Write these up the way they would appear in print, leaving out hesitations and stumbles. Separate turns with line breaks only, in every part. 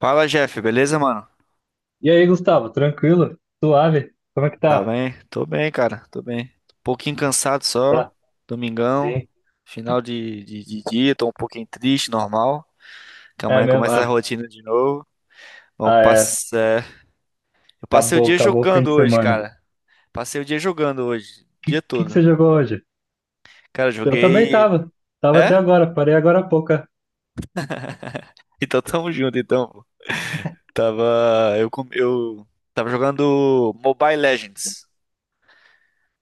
Fala, Jeff, beleza, mano?
E aí, Gustavo, tranquilo? Suave? Como é que
Tá
tá?
bem? Tô bem, cara, tô bem. Um pouquinho cansado só,
Tá.
domingão,
Sim.
final de dia, tô um pouquinho triste, normal, que
É
amanhã
mesmo?
começa a
Ah,
rotina de novo. Bom,
ah, é.
eu passei o
Acabou,
dia
acabou o fim
jogando
de
hoje,
semana. O
cara. Passei o dia jogando hoje, o
que,
dia
que, que
todo.
você jogou hoje?
Cara,
Eu também
joguei.
tava. Tava
É?
até agora, parei agora há pouco. É.
Então tamo junto, então, pô. Tava. Eu tava jogando Mobile Legends.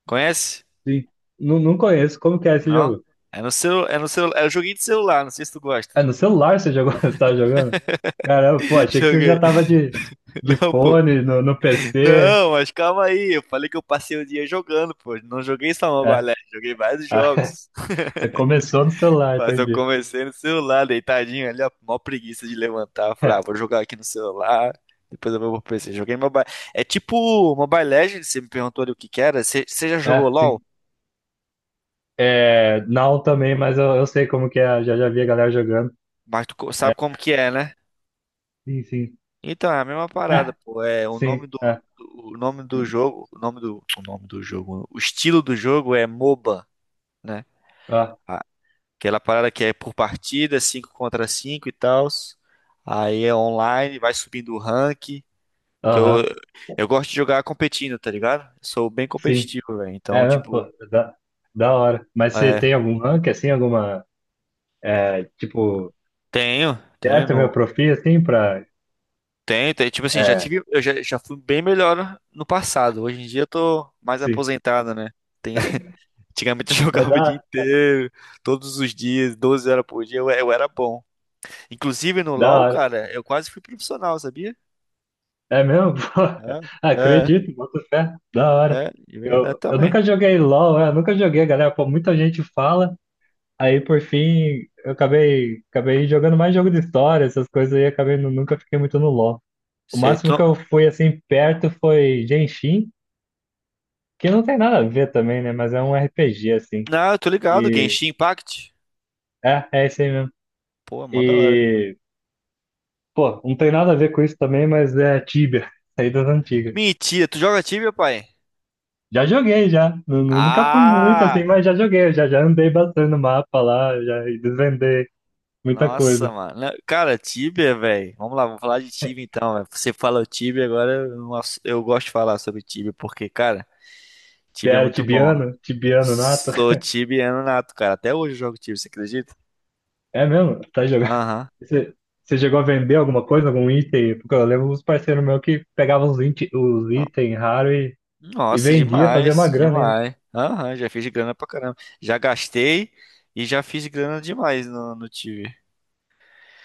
Conhece?
Sim. Não, não conheço. Como que é esse
Não?
jogo?
É no seu, é no seu, É um joguinho de celular, não sei se tu
É
gosta.
no celular você jogou? Você tava jogando? Caramba, pô, achei que você
Joguei.
já tava de,
Não, pô.
fone, no PC.
Não, mas calma aí. Eu falei que eu passei o dia jogando, pô. Não joguei só Mobile
É.
Legends, joguei vários
Ah,
jogos.
você começou no celular,
Mas eu
entendi.
comecei no celular, deitadinho ali, ó. Mó preguiça de levantar. Falei, ah, vou jogar aqui no celular. Depois eu vou pro PC. Joguei Mobile. É tipo Mobile Legends, você me perguntou ali o que que era. Você já jogou
É, sim.
LOL?
É, não também, mas eu sei como que é. Já vi a galera jogando.
Mas
É,
sabe como que é, né?
sim, sim.
Então, é a mesma parada,
Ah,
pô.
sim. Ah,
O nome do jogo, o estilo do jogo é MOBA, né?
ah,
Aquela parada que é por partida, 5 contra 5 e tal. Aí é online, vai subindo o rank. Que eu,
aham,
eu gosto de jogar competindo, tá ligado? Sou bem
sim.
competitivo, velho. Então,
É, não, pô,
tipo,
da, da, hora. Mas você
é,
tem algum rank, assim, alguma, é, tipo,
tenho, tenho,
certa
no,
homeopatia, assim, pra,
tenho, tenho. Tipo assim,
é,
eu já fui bem melhor no passado. Hoje em dia eu tô mais
sim.
aposentado, né? Tem- Antigamente eu
Mas
jogava o dia
da,
inteiro, todos os dias, 12 horas por dia, eu era bom. Inclusive no
da
LoL,
hora.
cara, eu quase fui profissional, sabia?
É mesmo? Pô,
É, é.
acredito, boto fé. Da hora.
É, de verdade
Eu
também.
nunca joguei LOL, né? Eu nunca joguei, galera. Pô, muita gente fala, aí por fim eu acabei jogando mais jogo de história, essas coisas aí, acabei, nunca fiquei muito no LOL. O
Sei, tu
máximo que
não...
eu fui assim perto foi Genshin, que não tem nada a ver também, né? Mas é um RPG assim.
Não, eu tô ligado,
E
Genshin Impact.
é esse aí mesmo.
Pô, mó da hora.
E pô, não tem nada a ver com isso também, mas é Tibia, saídas antigas.
Mentira, tu joga Tibia, pai?
Já joguei já. Nunca fui muito assim,
Ah!
mas já joguei, já andei bastante no mapa lá, já desvendei muita
Nossa,
coisa.
mano. Não, cara, Tibia, velho. Vamos lá, vamos falar de Tibia então, velho. Você fala o Tibia, agora eu gosto de falar sobre Tibia, porque, cara, Tibia é
Era
muito bom.
tibiano, tibiano nato.
Sou tibiano nato, cara. Até hoje eu jogo Tibia, você acredita?
É mesmo? Tá jogando.
Aham.
Você, você chegou a vender alguma coisa, algum item? Porque eu lembro uns parceiros meus que pegavam os, os itens raros e
Nossa,
vendia, fazia
demais,
uma grana ainda.
demais. Aham, já fiz grana pra caramba. Já gastei e já fiz grana demais no Tibia.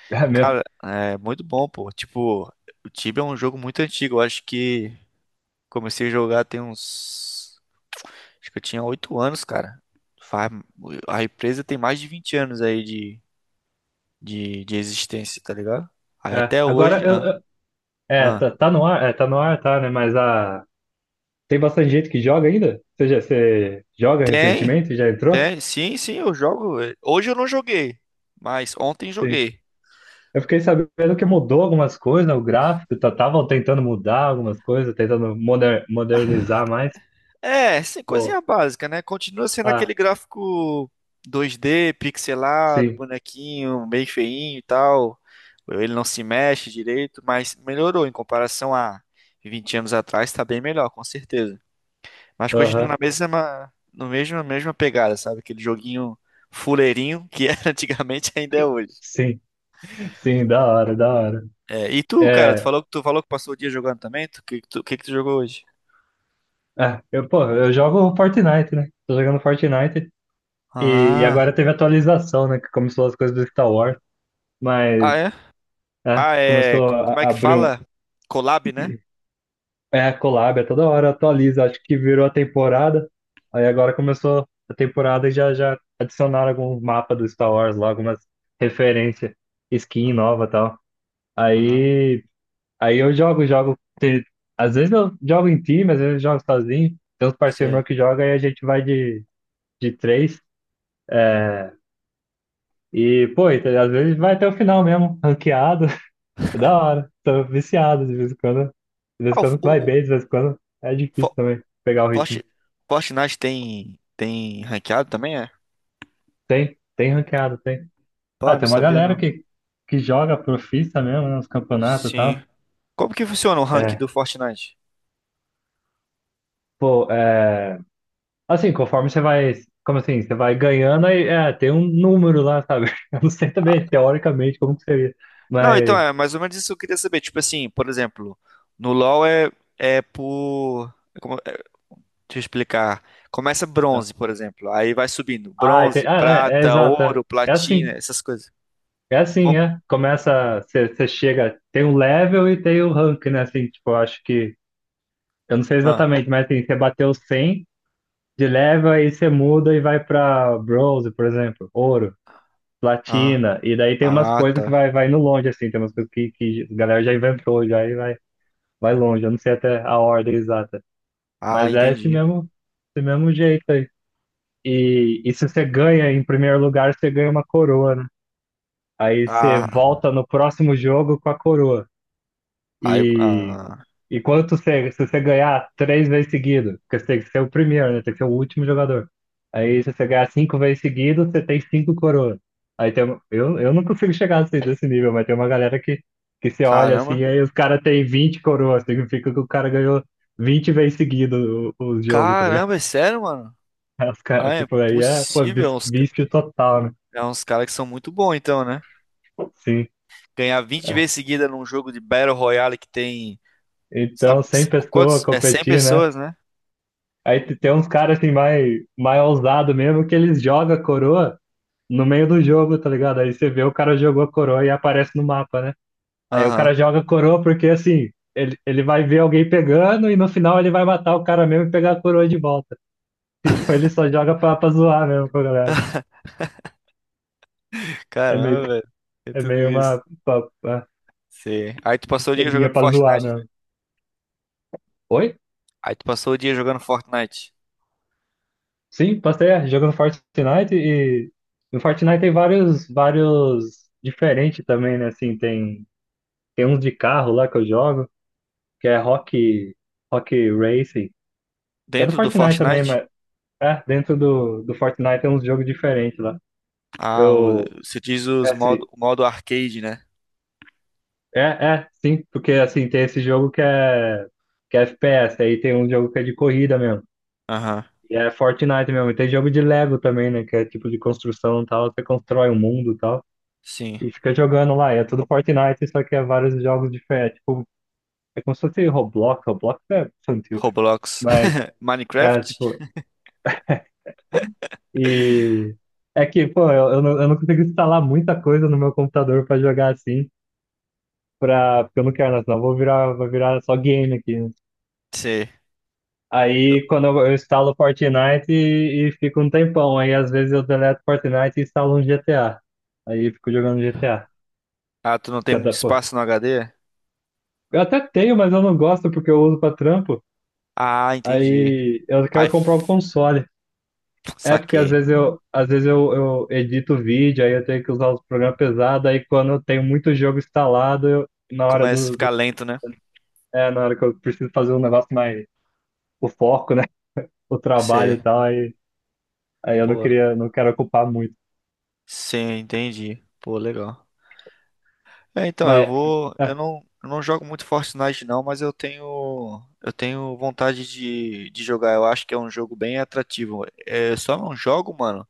É mesmo.
Cara, é muito bom, pô. Tipo, o Tibia é um jogo muito antigo. Eu acho que comecei a jogar tem uns. Acho que eu tinha 8 anos, cara. Faz- A empresa tem mais de 20 anos aí de existência, tá ligado? Aí
É.
até
Agora,
hoje.
eu,
Ah,
é,
ah.
tá no ar, é, tá no ar, tá, né? Mas tem bastante gente que joga ainda? Você joga
Tem,
recentemente? Já entrou?
tem. Sim, sim, eu jogo. Hoje eu não joguei, mas ontem
Sim.
joguei.
Eu fiquei sabendo que mudou algumas coisas, né? O gráfico, estavam tentando mudar algumas coisas, tentando modernizar mais.
É, sim, coisinha
Oh,
básica, né? Continua sendo aquele
ah,
gráfico 2D, pixelado,
sim.
bonequinho, bem feinho e tal. Ele não se mexe direito, mas melhorou em comparação a 20 anos atrás, tá bem melhor, com certeza. Mas continua
Aham,
na mesma, no mesmo, na mesma pegada, sabe? Aquele joguinho fuleirinho que era antigamente ainda é hoje.
sim. Sim, da hora, da hora.
É, e tu, cara, tu
É,
falou que tu falou que passou o dia jogando também? Que que tu jogou hoje?
é, eu, pô, eu jogo Fortnite, né? Tô jogando Fortnite e
Ah.
agora teve atualização, né? Que começou as coisas do Star Wars, mas
Ah, é?
é,
Ah, é.
começou a,
Como é
a
que
abrir um.
fala? Collab, né?
É, collab, é toda hora atualiza, acho que virou a temporada. Aí agora começou a temporada e já adicionaram alguns mapas do Star Wars lá, algumas referências, skin
Ah,
nova e tal.
ah,
Aí Aí eu jogo, jogo. Às vezes eu jogo em time, às vezes eu jogo sozinho. Tem uns parceiros
sei.
meus que jogam e a gente vai de três. É, e, pô, e às vezes vai até o final mesmo, ranqueado. É, da hora. Tô viciado de vez em quando. De vez em
Ah, o,
quando vai
o, o
bem, de vez em quando é difícil
Fo-
também pegar o ritmo.
Forti- Fortnite tem ranqueado também, é?
Tem ranqueado, tem. Ah,
Pô, não
tem uma
sabia
galera
não.
que joga profissa mesmo, né, nos campeonatos e
Sim.
tal.
Como que funciona o rank do
É,
Fortnite?
pô, é. Assim, conforme você vai. Como assim? Você vai ganhando, aí, é, tem um número lá, sabe? Eu não sei também,
Ah,
teoricamente, como que seria.
não, então
Mas.
é mais ou menos isso que eu queria saber. Tipo assim, por exemplo, no LoL é por. é Como, é, deixa eu explicar. Começa
Tá.
bronze, por exemplo. Aí vai subindo.
Ah, tem,
Bronze,
ah, é
prata,
exato. É
ouro,
É
platina,
assim.
essas coisas.
É
Com-
assim, é. Começa. Você chega. Tem o level e tem o rank, né? Assim, tipo, eu acho que. Eu não sei
ah,
exatamente, mas assim, você bateu 100 de level, aí você muda e vai pra bronze, por exemplo. Ouro,
ah,
platina. E daí tem umas
ah,
coisas
tá.
que vai indo longe, assim. Tem umas coisas que a galera já inventou, já e vai. Vai longe, eu não sei até a ordem exata.
Ah,
Mas é
entendi.
esse mesmo jeito aí. E se você ganha em primeiro lugar, você ganha uma coroa, né? Aí você
Ah,
volta no próximo jogo com a coroa.
aí,
E
ah.
e se você ganhar 3 vezes seguido, porque você tem que ser o primeiro, né? Tem que ser o último jogador. Aí se você ganhar 5 vezes seguido, você tem cinco coroas. Aí eu não consigo chegar assim nesse nível, mas tem uma galera que você olha
Caramba.
assim, aí os caras têm 20 coroas, significa que o cara ganhou 20 vezes seguido o jogo, tá ligado?
Caramba, é sério, mano?
Aí os cara,
Ah, é
tipo, aí é, pô,
possível. É uns, ca-
vício total, né?
é uns caras que são muito bons, então, né?
Sim.
Ganhar vinte
É.
vezes seguida num jogo de Battle Royale que tem, sabe,
Então, 100 pessoas
quantos? É cem
competindo, né?
pessoas, né?
Aí tem uns caras assim mais, mais ousado mesmo que eles jogam a coroa no meio do jogo, tá ligado? Aí você vê o cara jogou a coroa e aparece no mapa, né? Aí o
Aham.
cara joga a coroa porque assim, ele vai ver alguém pegando e no final ele vai matar o cara mesmo e pegar a coroa de volta. Então ele só joga pra, zoar mesmo com a galera. É meio,
Caramba, velho. É
é
tudo
meio
isso.
uma, uma
Sim. Aí tu passou o dia jogando
esqueminha pra zoar
Fortnite, né?
mesmo. Oi?
Aí tu passou o dia jogando Fortnite.
Sim, passei é, jogando Fortnite e no Fortnite tem vários diferentes também, né? Assim, tem, uns de carro lá que eu jogo, que é Rock Racing. Que é do
Dentro do
Fortnite também,
Fortnite?
mas é, dentro do Fortnite tem uns jogos diferentes lá.
Ah,
Eu.
você diz
É,
os
assim,
modo, o modo arcade, né?
é, sim, porque assim, tem esse jogo que é FPS, aí tem um jogo que é de corrida mesmo.
Aham.
E é Fortnite mesmo. E tem jogo de Lego também, né? Que é tipo de construção e tal. Você constrói um mundo e tal.
Sim.
E fica jogando lá. E é tudo Fortnite, só que é vários jogos diferentes. Tipo, é como se fosse Roblox. Roblox é infantil.
Roblox.
Mas é,
Minecraft?
tipo, e é que, pô, não, eu não consigo instalar muita coisa no meu computador pra jogar assim, porque eu não quero, né? Senão eu vou virar só game aqui, né?
Sim.
Aí quando eu instalo Fortnite e fico um tempão. Aí às vezes eu deleto Fortnite e instalo um GTA. Aí eu fico jogando GTA.
Ah, tu não tem
Que é
muito
da, pô.
espaço no HD?
Eu até tenho, mas eu não gosto porque eu uso pra trampo.
Ah, entendi.
Aí eu
Aí,
quero comprar um console. É porque às
saquei.
vezes eu, às vezes eu, eu edito vídeo, aí eu tenho que usar os programas pesados, aí quando eu tenho muito jogo instalado, eu, na hora
Começa a
do,
ficar
do-
lento, né?
é, na hora que eu preciso fazer um negócio mais o foco, né? O trabalho
Você,
e tal, aí eu não
pô,
queria, não quero ocupar muito.
sim, entendi. Pô, legal. É, então, eu
Mas
vou. Eu
é,
não, eu não jogo muito Fortnite, não, mas eu tenho. Eu tenho vontade de jogar. Eu acho que é um jogo bem atrativo. É, eu só não jogo, mano,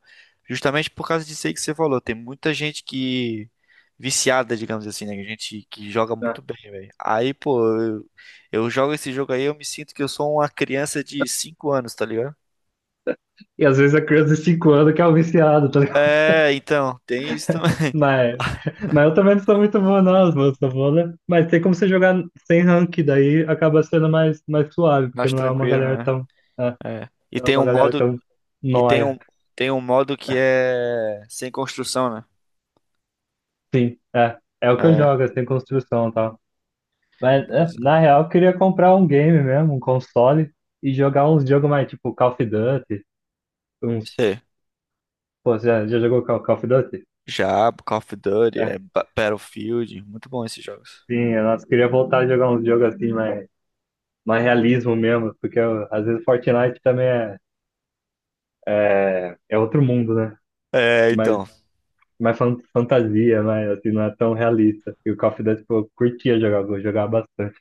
justamente por causa disso aí que você falou. Tem muita gente que. Viciada, digamos assim, né? Gente que joga
é.
muito bem, velho. Aí, pô, eu jogo esse jogo aí, eu me sinto que eu sou uma criança de 5 anos, tá ligado?
E às vezes a criança de 5 anos que é o viciado, tá ligado?
É, então, tem isso também.
Mas, mas eu também não sou muito bom, não, eu sou bom, né? Mas tem como você jogar sem rank, daí acaba sendo mais, mais suave, porque
Mais
não é uma
tranquilo,
galera
né?
tão, é,
É.
não é uma galera tão
E tem
nóia.
um, tem um modo que é sem construção, né?
Sim, é. É o que eu jogo,
É,
é sem construção e tal. Mas, é,
pois é.
na real, eu queria comprar um game mesmo, um console, e jogar uns jogos mais tipo Call of Duty. Uns...
Sei.
Pô, já jogou Call of Duty?
Já, Call of Duty, é
É,
Battlefield, muito bom esses jogos.
sim, eu nossa, queria voltar a jogar uns jogos assim, mais, mais realismo mesmo, porque às vezes Fortnite também é, é outro mundo, né?
É,
Mas
então,
mais fantasia, mas assim, não é tão realista. E o Call of Duty, pô, eu curtia jogar, vou jogar bastante.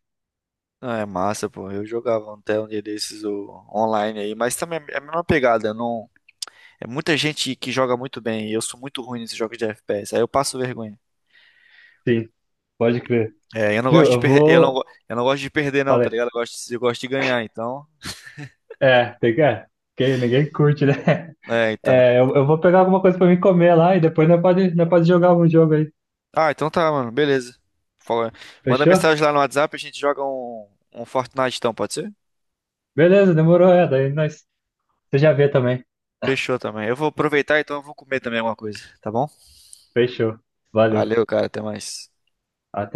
não, é massa, pô. Eu jogava até um dia desses online aí, mas também é a mesma pegada, não. É muita gente que joga muito bem, e eu sou muito ruim nesses jogos de FPS, aí eu passo vergonha.
Sim, pode crer.
É, eu não
Viu,
gosto de
eu
perder,
vou.
eu não gosto de perder não, tá
Falei.
ligado? Eu gosto de ganhar, então.
É, tem que, é, que ninguém curte, né?
É, então.
É, eu vou pegar alguma coisa pra mim comer lá e depois nós pode jogar algum jogo aí.
Ah, então tá, mano. Beleza. Fala- Manda
Fechou?
mensagem lá no WhatsApp, a gente joga um Fortnite então, pode ser?
Beleza, demorou, é. Daí você já vê também.
Fechou também. Eu vou aproveitar, então eu vou comer também alguma coisa, tá bom?
Fechou. Valeu.
Valeu, cara. Até mais.
Até.